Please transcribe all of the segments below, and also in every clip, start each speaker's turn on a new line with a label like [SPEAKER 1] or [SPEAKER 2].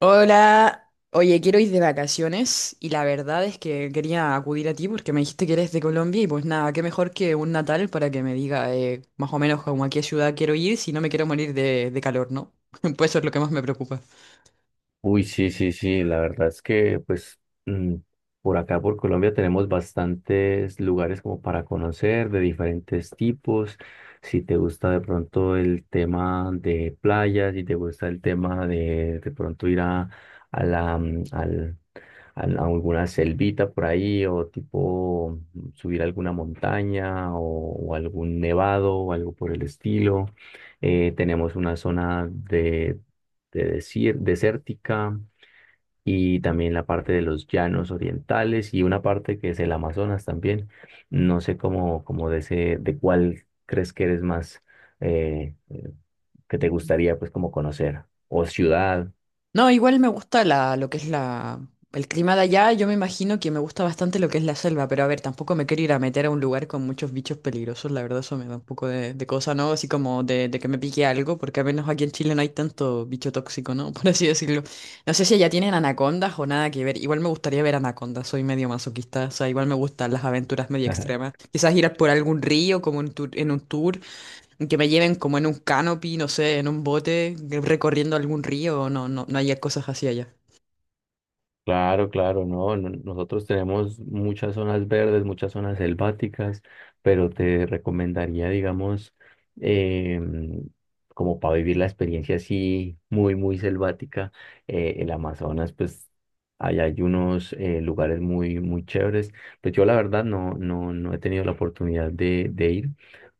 [SPEAKER 1] Hola, oye, quiero ir de vacaciones y la verdad es que quería acudir a ti porque me dijiste que eres de Colombia y pues nada, qué mejor que un natal para que me diga más o menos como a qué ciudad quiero ir si no me quiero morir de calor, ¿no? Pues eso es lo que más me preocupa.
[SPEAKER 2] Uy, sí, sí, sí, la verdad es que pues por acá, por Colombia, tenemos bastantes lugares como para conocer de diferentes tipos. Si te gusta de pronto el tema de playas, si te gusta el tema de pronto ir a, a la, mm, al, a alguna selvita por ahí o tipo subir alguna montaña o algún nevado o algo por el estilo. Tenemos una zona de, desértica y también la parte de los llanos orientales y una parte que es el Amazonas también. No sé cómo, cómo de ese, de cuál crees que eres más eh, eh, que te gustaría pues como conocer o ciudad.
[SPEAKER 1] No, igual me gusta lo que es el clima de allá. Yo me imagino que me gusta bastante lo que es la selva, pero a ver, tampoco me quiero ir a meter a un lugar con muchos bichos peligrosos. La verdad, eso me da un poco de cosa, ¿no? Así como de que me pique algo, porque al menos aquí en Chile no hay tanto bicho tóxico, ¿no? Por así decirlo. No sé si allá tienen anacondas o nada que ver. Igual me gustaría ver anacondas. Soy medio masoquista. O sea, igual me gustan las aventuras medio extremas. Quizás ir a por algún río, como en un tour. Que me lleven como en un canopy, no sé, en un bote, recorriendo algún río, no haya cosas así allá.
[SPEAKER 2] Claro, claro, no, nosotros tenemos muchas zonas verdes, muchas zonas selváticas, pero te recomendaría, digamos, em, como para vivir la experiencia así muy, muy selvática, el Amazonas, pues allá hay unos lugares muy, muy chéveres. Pues yo la verdad no, no, no he tenido la oportunidad de ir,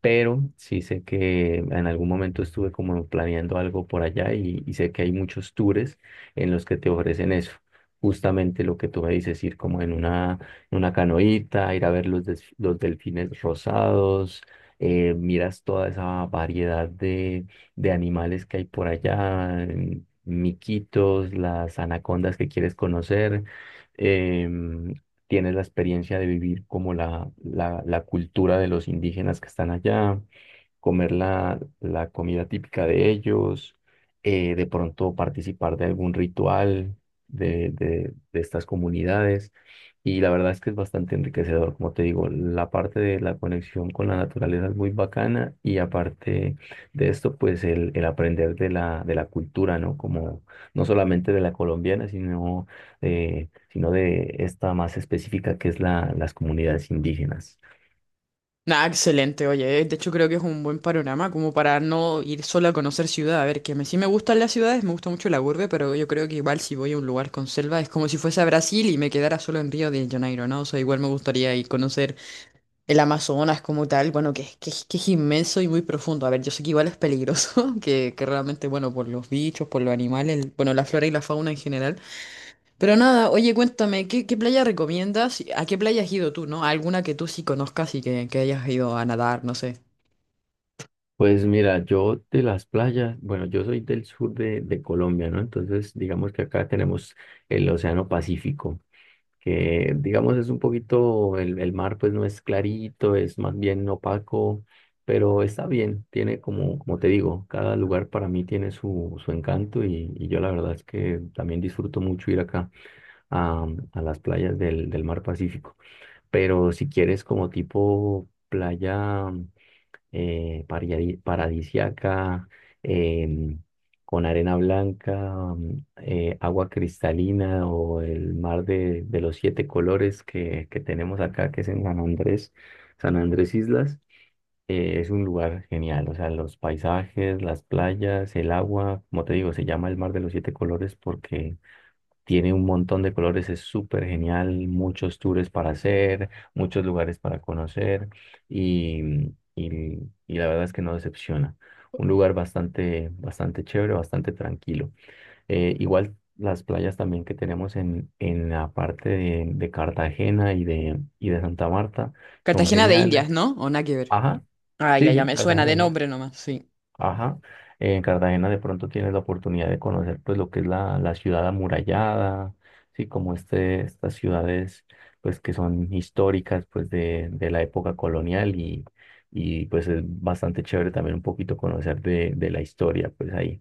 [SPEAKER 2] pero sí sé que en algún momento estuve como planeando algo por allá y sé que hay muchos tours en los que te ofrecen eso. Justamente lo que tú me dices, ir como en una canoita, ir a ver los delfines rosados, miras toda esa variedad de animales que hay por allá, miquitos, las anacondas que quieres conocer. em, Tienes la experiencia de vivir como la cultura de los indígenas que están allá, comer la, la comida típica de ellos, de pronto participar de algún ritual de estas comunidades. Y la verdad es que es bastante enriquecedor, como te digo, la parte de la conexión con la naturaleza es muy bacana y aparte de esto, pues el aprender de la cultura, ¿no? Como no solamente de la colombiana, sino, sino de esta más específica que es la, las comunidades indígenas.
[SPEAKER 1] Nada, excelente, oye. De hecho, creo que es un buen panorama como para no ir solo a conocer ciudad. A ver, sí me gustan las ciudades, me gusta mucho la urbe, pero yo creo que igual si voy a un lugar con selva es como si fuese a Brasil y me quedara solo en Río de Janeiro, ¿no? O sea, igual me gustaría ir conocer el Amazonas como tal, bueno, que es inmenso y muy profundo. A ver, yo sé que igual es peligroso, que realmente, bueno, por los bichos, por los animales, bueno, la flora y la fauna en general. Pero nada, oye, cuéntame, qué playa recomiendas? ¿A qué playa has ido tú, no? ¿Alguna que tú sí conozcas y que hayas ido a nadar, no sé?
[SPEAKER 2] Pues mira, yo de las playas, bueno, yo soy del sur de Colombia, ¿no? Entonces, digamos que acá tenemos el Océano Pacífico, que digamos es un poquito, el mar pues no es clarito, es más bien opaco, pero está bien, tiene como, como te digo, cada lugar para mí tiene su, su encanto y yo la verdad es que también disfruto mucho ir acá a, a las playas del, del mar Pacífico. Pero si quieres como tipo playa paradisiaca, em, con arena blanca, agua cristalina o el mar de los siete colores que tenemos acá, que es en San Andrés, San Andrés Islas. Es un lugar genial, o sea, los paisajes, las playas, el agua, como te digo, se llama el mar de los siete colores porque tiene un montón de colores, es súper genial, muchos tours para hacer, muchos lugares para conocer y, y la verdad es que no decepciona. Un lugar bastante, bastante chévere, bastante tranquilo. Igual las playas también que tenemos en la parte de Cartagena y de Santa Marta son
[SPEAKER 1] Cartagena de
[SPEAKER 2] geniales.
[SPEAKER 1] Indias, ¿no? ¿O nada que ver?
[SPEAKER 2] Ajá,
[SPEAKER 1] Ah,
[SPEAKER 2] sí,
[SPEAKER 1] ya
[SPEAKER 2] sí,
[SPEAKER 1] me suena de
[SPEAKER 2] Cartagena.
[SPEAKER 1] nombre nomás, sí.
[SPEAKER 2] Ajá. En Cartagena de pronto tienes la oportunidad de conocer pues lo que es la, la ciudad amurallada, sí, como este, estas ciudades pues que son históricas pues de la época colonial y pues es bastante chévere también un poquito conocer de la historia pues ahí.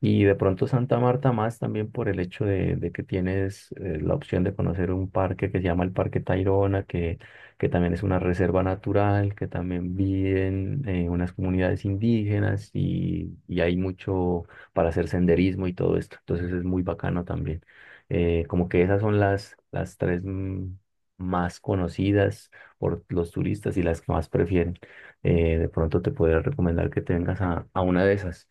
[SPEAKER 2] Y de pronto Santa Marta más también por el hecho de que tienes la opción de conocer un parque que se llama el Parque Tayrona, que también es una reserva natural, que también viven unas comunidades indígenas y hay mucho para hacer senderismo y todo esto. Entonces es muy bacano también. Como que esas son las tres más conocidas por los turistas y las que más prefieren. De pronto te podría recomendar que te vengas a una de esas.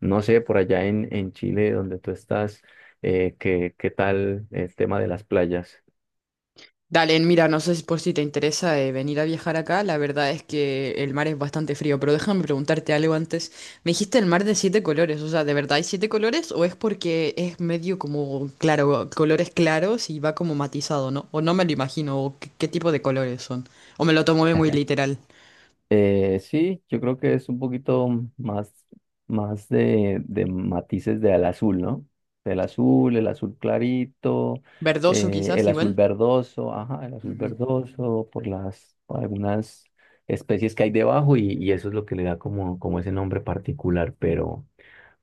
[SPEAKER 2] No sé, por allá en Chile, donde tú estás, ¿qué, qué tal el tema de las playas?
[SPEAKER 1] Dale, mira, no sé si por si te interesa venir a viajar acá, la verdad es que el mar es bastante frío, pero déjame preguntarte algo antes. Me dijiste el mar de siete colores, o sea, ¿de verdad hay siete colores o es porque es medio como, claro, colores claros y va como matizado, ¿no? O no me lo imagino, o qué tipo de colores son, o me lo tomo muy literal.
[SPEAKER 2] Sí, yo creo que es un poquito más, más de matices del azul, ¿no? Del azul, el azul clarito,
[SPEAKER 1] Verdoso quizás
[SPEAKER 2] el
[SPEAKER 1] igual.
[SPEAKER 2] azul verdoso, ajá, el azul
[SPEAKER 1] Ujú.
[SPEAKER 2] verdoso, por las, por algunas especies que hay debajo y eso es lo que le da como, como ese nombre particular, pero.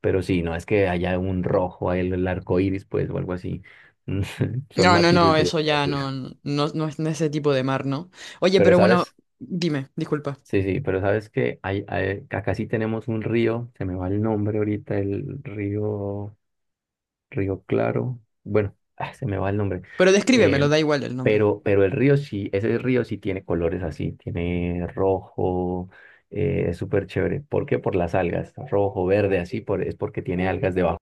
[SPEAKER 2] Pero sí, no es que haya un rojo, el arco iris, pues, o algo así. Son
[SPEAKER 1] No,
[SPEAKER 2] matices
[SPEAKER 1] eso
[SPEAKER 2] de
[SPEAKER 1] ya
[SPEAKER 2] azul.
[SPEAKER 1] no es no es ese tipo de mar, ¿no? Oye,
[SPEAKER 2] Pero
[SPEAKER 1] pero bueno,
[SPEAKER 2] sabes,
[SPEAKER 1] dime, disculpa.
[SPEAKER 2] sí, sí, pero sabes que hay, acá sí tenemos un río, se me va el nombre ahorita, el río, Río Claro. Bueno, ah, se me va el nombre.
[SPEAKER 1] Pero
[SPEAKER 2] Eh,
[SPEAKER 1] descríbemelo, da igual el nombre.
[SPEAKER 2] pero el río sí, ese río sí tiene colores así, tiene rojo, es súper chévere. ¿Por qué? Por las algas, rojo, verde, así, por, es porque tiene algas debajo.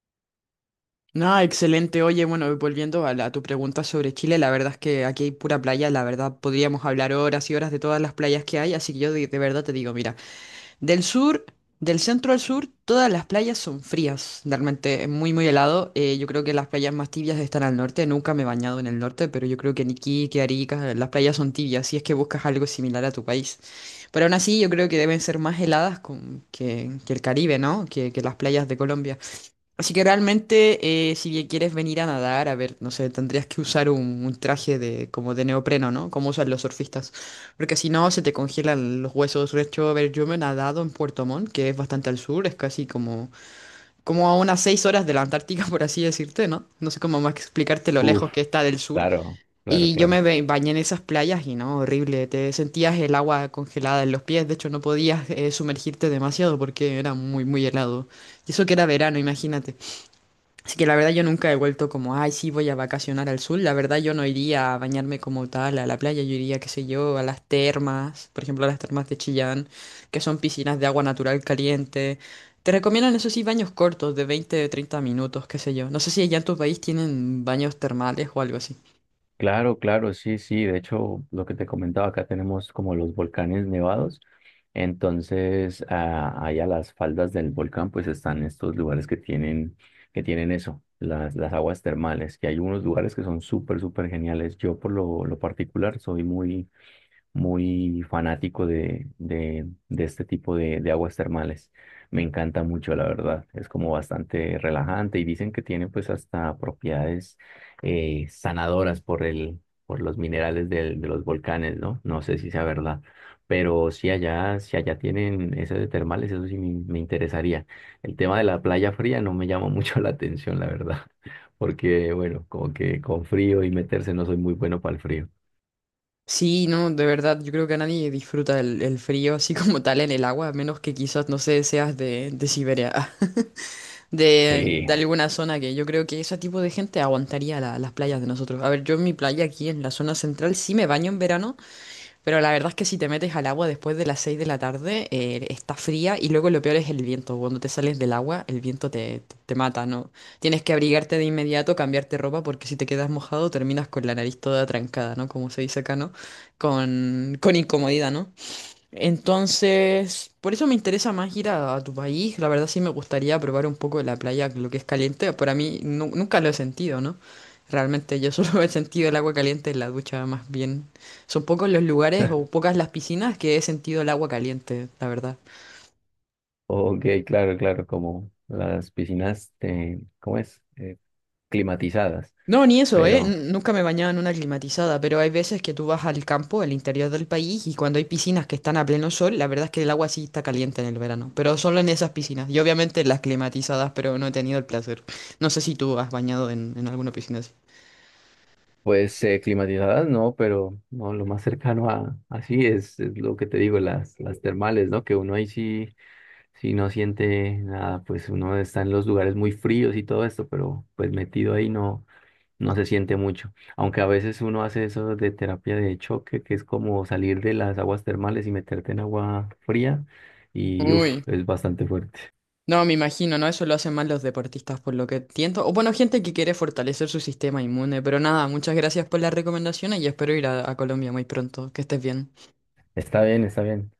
[SPEAKER 1] No, excelente. Oye, bueno, volviendo a tu pregunta sobre Chile, la verdad es que aquí hay pura playa, la verdad podríamos hablar horas y horas de todas las playas que hay, así que yo de verdad te digo, mira. Del sur, del centro al sur, todas las playas son frías. Realmente es muy helado. Yo creo que las playas más tibias están al norte. Nunca me he bañado en el norte, pero yo creo que en Iquique, Arica, las playas son tibias, si es que buscas algo similar a tu país. Pero aún así, yo creo que deben ser más heladas que el Caribe, ¿no? Que las playas de Colombia. Así que realmente, si bien quieres venir a nadar, a ver, no sé, tendrías que usar un traje de como de neopreno, ¿no? Como usan los surfistas. Porque si no, se te congelan los huesos. De hecho, a ver, yo me he nadado en Puerto Montt, que es bastante al sur, es casi como, como a unas 6 horas de la Antártica, por así decirte, ¿no? No sé cómo más explicarte lo
[SPEAKER 2] Uf,
[SPEAKER 1] lejos que está del sur.
[SPEAKER 2] claro, claro,
[SPEAKER 1] Y yo
[SPEAKER 2] claro.
[SPEAKER 1] me bañé en esas playas y no, horrible. Te sentías el agua congelada en los pies. De hecho, no podías sumergirte demasiado porque era muy helado. Y eso que era verano, imagínate. Así que la verdad yo nunca he vuelto como, ay, sí, voy a vacacionar al sur. La verdad yo no iría a bañarme como tal a la playa, yo iría, qué sé yo, a las termas, por ejemplo, a las termas de Chillán, que son piscinas de agua natural caliente. Te recomiendan, eso sí, baños cortos de 20 o 30 minutos, qué sé yo. No sé si allá en tu país tienen baños termales o algo así.
[SPEAKER 2] Claro, claro, sí, sí. De hecho, lo que te comentaba, acá tenemos como los volcanes nevados. Entonces, ah, ahí las faldas del volcán, pues están estos lugares que tienen eso, las aguas termales, que hay unos lugares que son súper, súper geniales. Yo por lo particular soy muy, muy fanático de este tipo de aguas termales. Me encanta mucho, la verdad. Es como bastante relajante y dicen que tiene pues hasta propiedades sanadoras por el, por los minerales de los volcanes, ¿no? No sé si sea verdad. Pero si allá, si allá tienen esas de termales, eso sí me interesaría. El tema de la playa fría no me llama mucho la atención, la verdad. Porque, bueno, como que con frío y meterse no soy muy bueno para el frío.
[SPEAKER 1] Sí, no, de verdad, yo creo que nadie disfruta el frío así como tal en el agua, a menos que quizás, no sé, seas de Siberia.
[SPEAKER 2] Sí.
[SPEAKER 1] De alguna zona que yo creo que ese tipo de gente aguantaría las playas de nosotros. A ver, yo en mi playa aquí en la zona central sí me baño en verano, pero la verdad es que si te metes al agua después de las 6 de la tarde, está fría y luego lo peor es el viento. Cuando te sales del agua, el viento te mata, ¿no? Tienes que abrigarte de inmediato, cambiarte ropa, porque si te quedas mojado terminas con la nariz toda trancada, ¿no? Como se dice acá, ¿no? Con incomodidad, ¿no? Entonces, por eso me interesa más ir a tu país. La verdad sí me gustaría probar un poco de la playa, lo que es caliente. Para mí nunca lo he sentido, ¿no? Realmente yo solo he sentido el agua caliente en la ducha, más bien. Son pocos los lugares o pocas las piscinas que he sentido el agua caliente, la verdad.
[SPEAKER 2] Ok, claro, claro, como las piscinas, ¿cómo es? Climatizadas,
[SPEAKER 1] No, ni eso, ¿eh?
[SPEAKER 2] pero
[SPEAKER 1] Nunca me bañaba en una climatizada, pero hay veces que tú vas al campo, al interior del país, y cuando hay piscinas que están a pleno sol, la verdad es que el agua sí está caliente en el verano, pero solo en esas piscinas, y obviamente en las climatizadas, pero no he tenido el placer. No sé si tú has bañado en alguna piscina así.
[SPEAKER 2] pues climatizadas no, pero no, lo más cercano a así es lo que te digo, las termales, ¿no? Que uno ahí sí, sí no siente nada, pues uno está en los lugares muy fríos y todo esto, pero pues metido ahí no, no se siente mucho, aunque a veces uno hace eso de terapia de choque, que es como salir de las aguas termales y meterte en agua fría y uff,
[SPEAKER 1] Uy,
[SPEAKER 2] es bastante fuerte.
[SPEAKER 1] no, me imagino, ¿no? Eso lo hacen más los deportistas, por lo que entiendo. O bueno, gente que quiere fortalecer su sistema inmune, pero nada, muchas gracias por las recomendaciones y espero ir a Colombia muy pronto. Que estés bien.
[SPEAKER 2] Está bien, está bien.